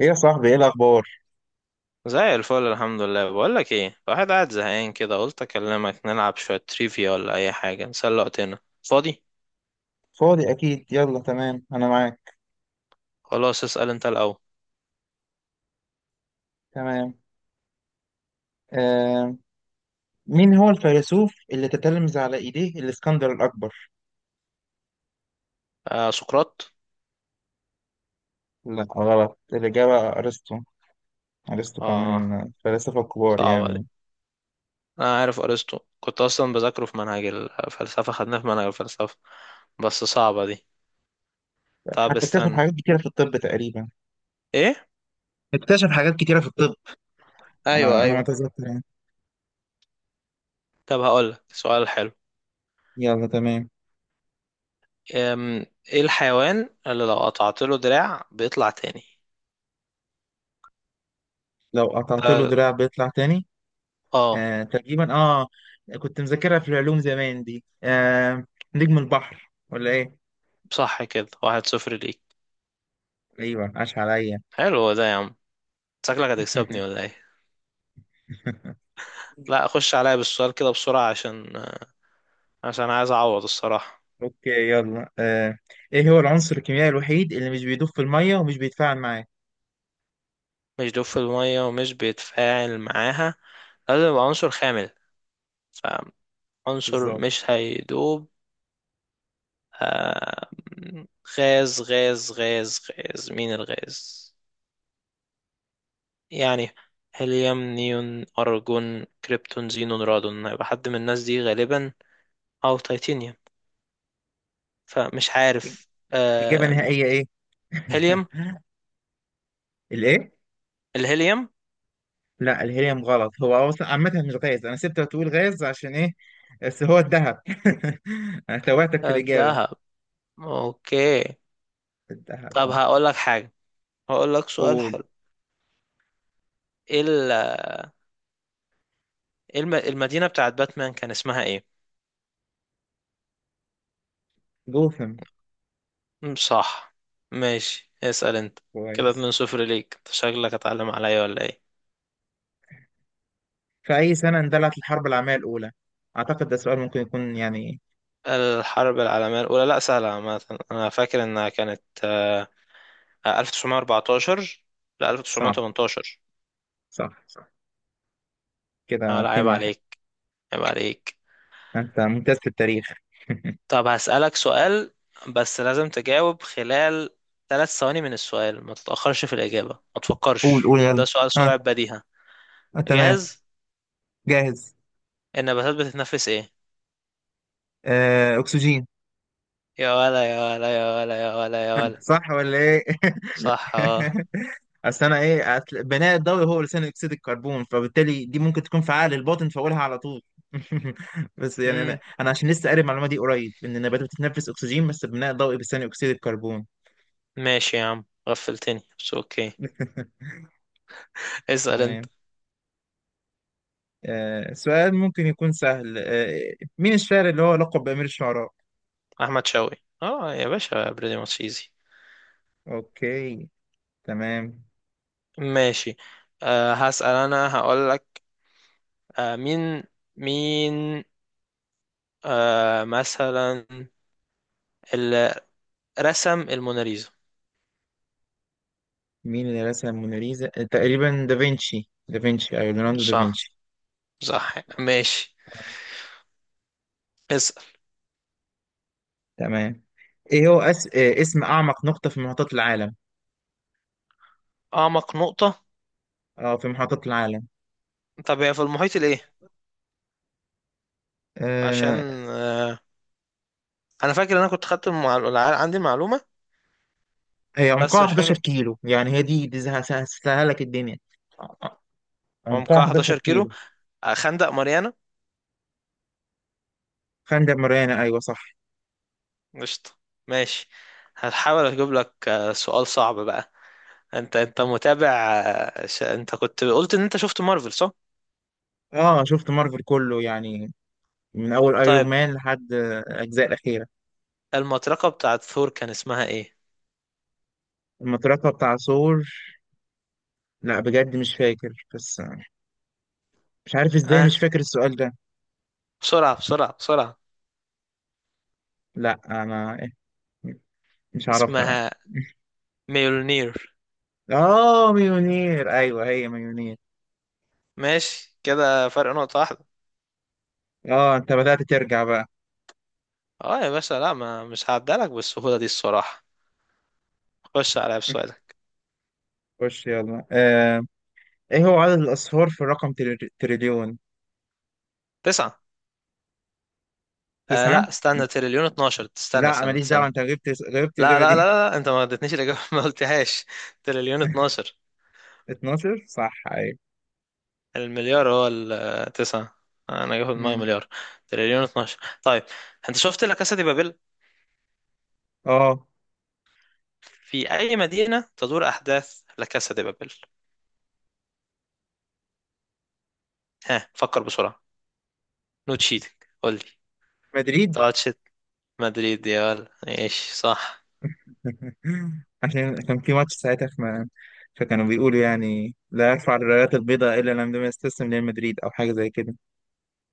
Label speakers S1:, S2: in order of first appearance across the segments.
S1: ايه يا صاحبي، ايه الاخبار؟
S2: زي الفل، الحمد لله. بقول لك ايه، الواحد قاعد زهقان كده، قلت اكلمك نلعب شويه تريفيا ولا اي حاجه نسلي وقتنا فاضي.
S1: فاضي اكيد. يلا تمام، انا معاك.
S2: خلاص، اسال انت الاول.
S1: تمام. آه مين هو الفيلسوف اللي تتلمذ على ايديه الاسكندر الاكبر؟
S2: آه، سقراط.
S1: لا، غلط. الاجابه ارسطو. ارسطو كان
S2: اه،
S1: من الفلاسفه الكبار
S2: صعبه دي.
S1: يعني.
S2: انا عارف ارسطو، كنت اصلا بذاكره في منهج الفلسفه، خدناه في منهج الفلسفه. بس صعبه دي. طب
S1: حتى اكتشف
S2: استنى.
S1: حاجات كتيره في الطب تقريبا.
S2: ايه؟
S1: اكتشف حاجات كتيره في الطب. انا
S2: ايوه،
S1: انا ما
S2: ايوه.
S1: اتذكر يعني.
S2: طب هقول لك سؤال حلو.
S1: يلا تمام.
S2: أم، ايه الحيوان اللي لو قطعت له دراع بيطلع تاني؟
S1: لو قطعت له
S2: ده-
S1: دراع بيطلع تاني؟
S2: اه.
S1: آه تقريبا. اه كنت مذاكرها في العلوم زمان دي. نجم البحر ولا ايه؟
S2: صح، كده واحد صفر ليك.
S1: ايوه، عاش عليا.
S2: حلو ده يا عم، شكلك هتكسبني ولا ايه؟ لا، اخش عليا بالسؤال كده بسرعة، عشان عايز اعوض الصراحة.
S1: اوكي يلا. ايه هو العنصر الكيميائي الوحيد اللي مش بيدوب في الميه ومش بيتفاعل معاه؟
S2: مش دوب في المية ومش بيتفاعل معاها، لازم يبقى عنصر خامل، فعنصر
S1: بالظبط.
S2: مش هيدوب. آه، غاز غاز غاز غاز مين الغاز يعني؟ هيليوم، نيون، أرجون، كريبتون، زينون، رادون، هيبقى حد من الناس دي غالبا، أو تيتانيوم، فمش عارف.
S1: اجابه
S2: آم،
S1: نهائيه ايه؟
S2: هيليوم.
S1: الايه؟
S2: الهيليوم.
S1: لا، الهيليوم غلط. هو اصلا عامه مش غاز، انا سبت تقول غاز عشان ايه؟ بس هو الذهب. انا توهتك في الاجابه.
S2: الذهب. اوكي.
S1: الذهب
S2: طب
S1: اه.
S2: هقول لك حاجة، هقول لك سؤال
S1: قول.
S2: حلو. ايه ال- إيه المدينة بتاعت باتمان كان اسمها ايه؟
S1: جوثم.
S2: مم، صح. ماشي، اسأل انت. كده
S1: كويس.
S2: 2 صفر ليك، أنت شكلك اتعلم عليا ولا ايه؟
S1: في اي سنه اندلعت الحرب العالميه الاولى؟ اعتقد ده سؤال ممكن يكون يعني
S2: الحرب العالمية الأولى؟ لا، سهلة عامة. أنا فاكر إنها كانت 1914 ل
S1: صعب.
S2: 1918.
S1: صح صح. كده
S2: آه، لا،
S1: 2
S2: عيب
S1: 1
S2: عليك، عيب عليك.
S1: انت ممتاز في التاريخ.
S2: طب هسألك سؤال، بس لازم تجاوب خلال 3 ثواني من السؤال، ما تتأخرش في الإجابة، ما
S1: قول
S2: تفكرش،
S1: قول يلا.
S2: ده سؤال سرعة
S1: ها.
S2: بديهة.
S1: آه. تمام.
S2: جاهز؟
S1: جاهز.
S2: النباتات بتتنفس ايه؟
S1: اكسجين.
S2: يا ولا، يا ولا، يا ولا، يا ولا، يا ولا.
S1: صح ولا ايه؟
S2: صح، اه.
S1: اصل انا ايه أصل بناء الضوئي هو ثاني اكسيد الكربون، فبالتالي دي ممكن تكون فعال الباطن فاقولها على طول. بس يعني، انا
S2: امم
S1: انا عشان لسه قاري المعلومه دي قريب ان النباتات بتتنفس اكسجين، بس بناء الضوئي بثاني اكسيد الكربون.
S2: ماشي يا عم، غفلتني، بس اوكي. اسأل انت.
S1: تمام. سؤال ممكن يكون سهل. مين الشاعر اللي هو لقب بأمير الشعراء؟
S2: احمد شوقي. اه يا باشا، بريدي ماتش ايزي.
S1: اوكي تمام.
S2: ماشي. هسأل انا، هقول لك. أه مين مين مثلا، اللي رسم الموناليزا.
S1: مين اللي رسم موناليزا؟ تقريبا دافنشي دافنشي، ايوه ليوناردو
S2: صح،
S1: دافنشي.
S2: صح. ماشي، اسأل.
S1: تمام. إيه اسم اعمق نقطة في محيطات العالم؟
S2: اعمق نقطة؟
S1: اه، في محيطات العالم.
S2: طب هي في المحيط الايه؟ عشان
S1: آه...
S2: أه انا فاكر ان انا كنت خدت عندي المعلومة،
S1: هي
S2: بس
S1: عمقها
S2: مش
S1: 11
S2: فاكر.
S1: كيلو. يعني هي دي سهلك الدنيا. آه، آه، عمقها
S2: عمقها
S1: 11
S2: 11 كيلو.
S1: كيلو.
S2: خندق ماريانا.
S1: خندق ماريانا، ايوه صح.
S2: قشطة. ماشي. هحاول اجيب لك سؤال صعب بقى. انت متابع؟ انت كنت قلت ان انت شفت مارفل، صح؟
S1: اه شفت مارفل كله يعني، من اول ايرون
S2: طيب،
S1: مان لحد الاجزاء الاخيرة.
S2: المطرقة بتاعت ثور كان اسمها ايه؟
S1: المطرقة بتاع ثور. لا بجد مش فاكر، بس مش عارف ازاي مش
S2: اه،
S1: فاكر السؤال ده.
S2: بسرعة بسرعة بسرعة.
S1: لا انا مش عارفها لا.
S2: اسمها ميولنير.
S1: اه مليونير، ايوه هي مليونير.
S2: ماشي، كده فرق نقطة واحدة.
S1: اه انت بدأت ترجع بقى.
S2: اه يا باشا، لا، ما مش هعدلك بالسهولة دي الصراحة. خش عليا بسؤالك.
S1: خش يلا. ايه هو عدد الاصفار في الرقم تريليون؟
S2: 9. آه، لا،
S1: تسعة.
S2: استنى، تريليون 12، استنى
S1: لا
S2: استنى
S1: ماليش دعوة،
S2: استنى.
S1: انت غبت. غبت
S2: لا،
S1: الإجابة دي.
S2: لا، لا، لا، انت ما اديتنيش الاجابه ما قلتهاش. تريليون 12.
S1: 12، صح ايوه.
S2: المليار هو 9، انا جاي في دماغي
S1: مم.
S2: مليار. تريليون 12. طيب، انت شفت لا كاسا دي بابل؟
S1: اه
S2: في اي مدينه تدور احداث لا كاسا دي بابل؟ ها، فكر بسرعه، نو تشيتنج، قول لي.
S1: مدريد.
S2: تاتشت. مدريد، يا ولد ايش، صح.
S1: عشان كان في ماتش ساعتها فكانوا بيقولوا يعني لا يرفع الرايات البيضاء الا لما يستسلم لريال مدريد او حاجة زي كده.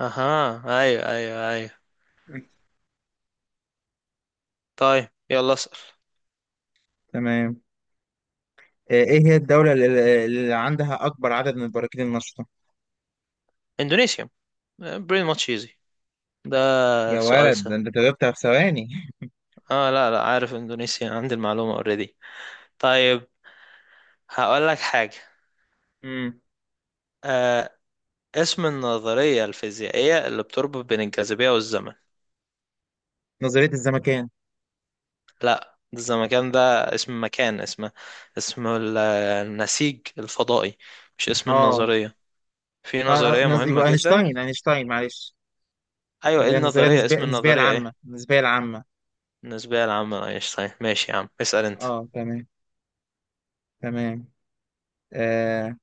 S2: اها، ايوه، ايوه، ايوه. طيب، يلا اسال.
S1: تمام. ايه هي الدولة اللي عندها اكبر عدد من البراكين النشطة؟
S2: اندونيسيا، بريم ماتش ايزي، ده
S1: يا
S2: سؤال
S1: ولد، ده
S2: سهل.
S1: انت جبتها في ثواني.
S2: اه، لا، لا، عارف اندونيسيا، عندي المعلومه اوريدي. طيب، هقول لك حاجة. آه اسم النظرية الفيزيائية اللي بتربط بين الجاذبية والزمن؟
S1: نظرية الزمكان.
S2: لا، الزمكان ده اسم مكان، اسم، اسم النسيج الفضائي، مش اسم
S1: اه.
S2: النظرية. في نظرية مهمة
S1: يبقى
S2: جدا.
S1: اينشتاين اينشتاين معلش.
S2: أيوة، ايه
S1: اللي هي النظرية
S2: النظرية،
S1: النسبية،
S2: اسم
S1: النسبية
S2: النظرية ايه؟
S1: العامة، النسبية العامة.
S2: النسبية العامة لأينشتاين. ماشي يا عم، اسأل انت.
S1: اه تمام تمام. آه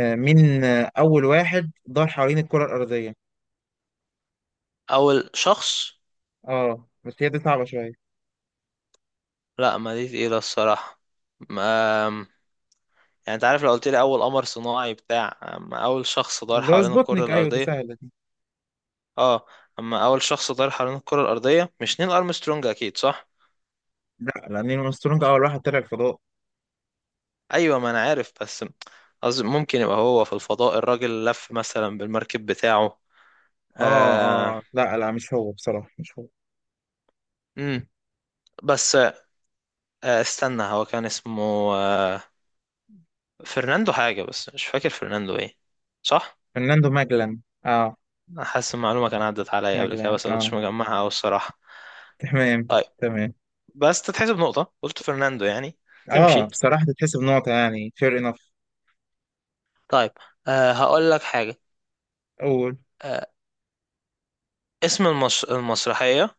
S1: آه مين آه، أول واحد دار حوالين الكرة الأرضية.
S2: أول شخص؟
S1: اه، بس هي دي صعبة شوية.
S2: لا، ما دي تقيلة الصراحة. ما، يعني انت عارف، لو قلت لي أول قمر صناعي بتاع، أما أول شخص دار
S1: اللي هو
S2: حوالين الكرة
S1: سبوتنيك، أيوه دي
S2: الأرضية.
S1: سهلة دي.
S2: اه. اما اول شخص طار حوالين الكرة الارضية، مش نيل ارمسترونج اكيد، صح؟
S1: لا، لأن نيل أرمسترونج أول واحد طلع الفضاء.
S2: ايوه، ما انا عارف، بس قصدي ممكن يبقى هو في الفضاء، الراجل لف مثلا بالمركب بتاعه.
S1: اه.
S2: آه
S1: اه لا لا، مش هو بصراحة مش هو.
S2: امم بس، استنى، هو كان اسمه آه فرناندو حاجة، بس مش فاكر فرناندو ايه. صح.
S1: فرناندو ماجلان. اه
S2: أنا حاسس المعلومة كان عدت عليا قبل كده،
S1: ماجلان
S2: بس ما
S1: اه.
S2: كنتش مجمعها أوي الصراحة.
S1: تمام
S2: طيب،
S1: تمام.
S2: بس تتحسب نقطة، قلت فرناندو يعني.
S1: اه
S2: تمشي.
S1: بصراحة تتحسب نقطة، يعني fair enough.
S2: طيب. هقول لك حاجة.
S1: أول.
S2: آه اسم المسرحية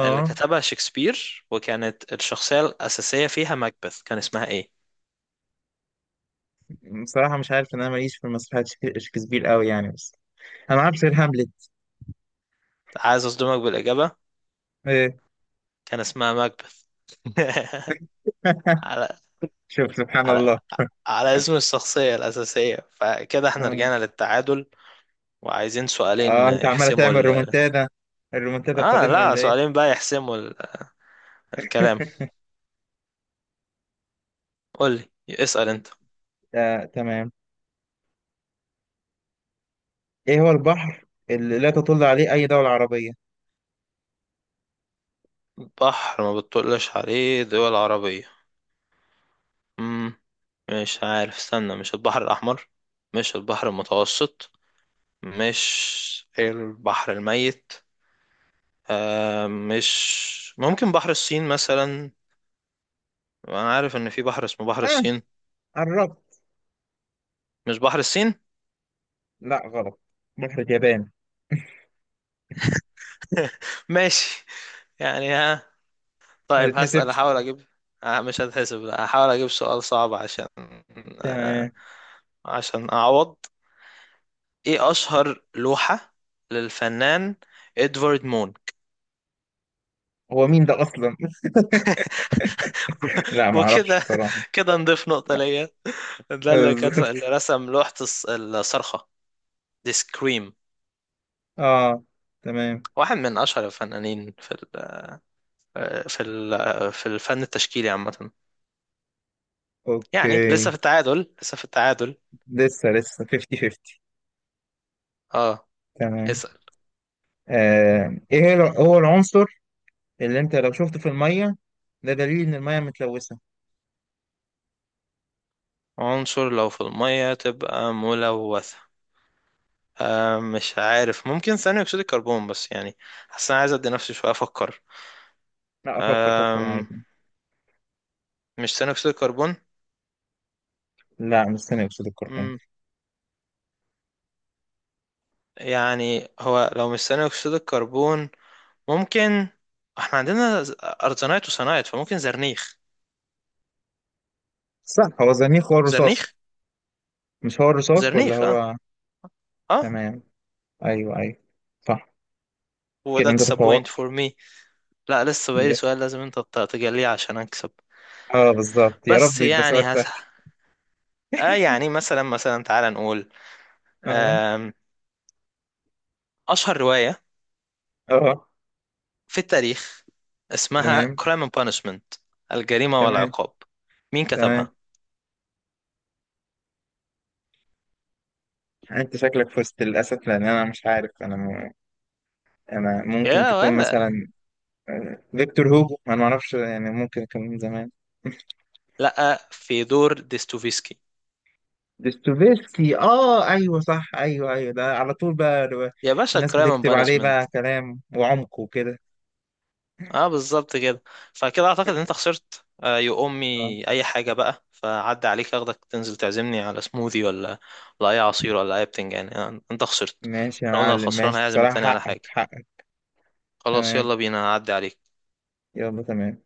S2: اللي كتبها شكسبير، وكانت الشخصية الأساسية فيها ماكبث، كان اسمها إيه؟
S1: بصراحة مش عارف إن أنا ماليش في مسرحيات شكسبير قوي يعني بس. أنا عارف غير هاملت.
S2: عايز أصدمك بالإجابة،
S1: إيه؟
S2: كان اسمها ماكبث. على
S1: شوف سبحان
S2: على
S1: الله.
S2: على اسم الشخصية الأساسية، فكده احنا
S1: آه.
S2: رجعنا للتعادل، وعايزين سؤالين
S1: أنت عمالة
S2: يحسموا
S1: تعمل
S2: ال.
S1: رومنتادا، الرومنتادا القادمة
S2: لا،
S1: ولا إيه؟
S2: سؤالين بقى يحسموا ال، الكلام. قول لي، اسأل أنت.
S1: تمام. إيه هو البحر اللي لا تطل عليه أي دولة عربية؟
S2: بحر ما بتطلش عليه دول عربية؟ مم. مش عارف، استنى، مش البحر الأحمر؟ مش البحر المتوسط؟ مش البحر الميت؟ مش ممكن بحر الصين مثلا؟ انا عارف ان في بحر اسمه بحر
S1: آه،
S2: الصين.
S1: قربت.
S2: مش بحر الصين؟
S1: لا، غلط. بحر اليابان.
S2: ماشي يعني، ها.
S1: ما
S2: طيب، هسأل،
S1: تتحسبش.
S2: احاول اجيب. مش هتحسب، لا هحاول اجيب سؤال صعب، عشان آه
S1: تمام.
S2: عشان اعوض. ايه اشهر لوحة للفنان ادوارد مون؟
S1: هو مين ده أصلا؟ لا ما أعرفش
S2: وكده.
S1: بصراحة.
S2: كده نضيف نقطة
S1: لا.
S2: ليا. ده اللي اللي
S1: بالظبط.
S2: رسم لوحة الصرخة، دي سكريم.
S1: آه، تمام.
S2: واحد من أشهر الفنانين في ال، في الفن التشكيلي عامة. يعني لسه
S1: أوكي.
S2: في التعادل، لسه في التعادل.
S1: لسه لسه 50-50.
S2: اه،
S1: تمام.
S2: اسأل.
S1: هو العنصر اللي انت لو شفته في الميه ده دليل ان الميه متلوثه.
S2: عنصر لو في المية تبقى ملوثة؟ مش عارف، ممكن ثاني أكسيد الكربون، بس يعني حاسس أنا عايز أدي نفسي شوية أفكر.
S1: لا، افكر فكر
S2: آه
S1: عادي.
S2: مش ثاني أكسيد الكربون.
S1: لا مش ثاني اكسيد الكربون.
S2: مم، يعني هو لو مش ثاني أكسيد الكربون، ممكن، احنا عندنا ارتينايت وصنايت، فممكن زرنيخ،
S1: صح، هو زنيخ، هو الرصاص.
S2: زرنيخ،
S1: مش هو الرصاص ولا
S2: زرنيخ. اه.
S1: هو؟
S2: اه.
S1: تمام. ايوه ايوه. صح. كده انت
S2: وذاتس a point for
S1: تفوقت.
S2: me. لا، لسه بقالي سؤال
S1: يس.
S2: لازم انت تجليه عشان اكسب.
S1: اه بالظبط، يا رب
S2: بس
S1: يبقى سؤال
S2: يعني
S1: سهل.
S2: هسه، يعني مثلا، مثلا تعال نقول،
S1: اه
S2: آم، اشهر رواية
S1: اه.
S2: في التاريخ اسمها
S1: تمام
S2: Crime and Punishment، الجريمة
S1: تمام
S2: والعقاب، مين
S1: تمام.
S2: كتبها؟
S1: انت شكلك فزت للاسف، لان انا مش عارف. انا ممكن
S2: يا
S1: تكون
S2: ولا،
S1: مثلا فيكتور هوجو. انا ما اعرفش يعني، ممكن كان من زمان.
S2: لا، في دور ديستوفيسكي،
S1: دوستويفسكي اه، ايوه صح، ايوه ايوه، ده على طول بقى
S2: يا باشا
S1: الناس
S2: Crime and
S1: بتكتب عليه بقى
S2: Punishment.
S1: كلام وعمق وكده.
S2: اه، بالظبط كده. فكده اعتقد ان انت خسرت، يو
S1: آه،
S2: امي اي حاجه بقى، فعدى عليك اخدك تنزل تعزمني على سموذي، ولا ولا اي عصير ولا اي بتنجان، يعني انت خسرت.
S1: ماشي يا
S2: احنا قلنا
S1: معلم.
S2: الخسران
S1: ماشي
S2: هيعزم التاني
S1: بصراحة،
S2: على
S1: حقك
S2: حاجه.
S1: حقك.
S2: خلاص
S1: تمام،
S2: يلا بينا، هعدي عليك.
S1: يلا تمام.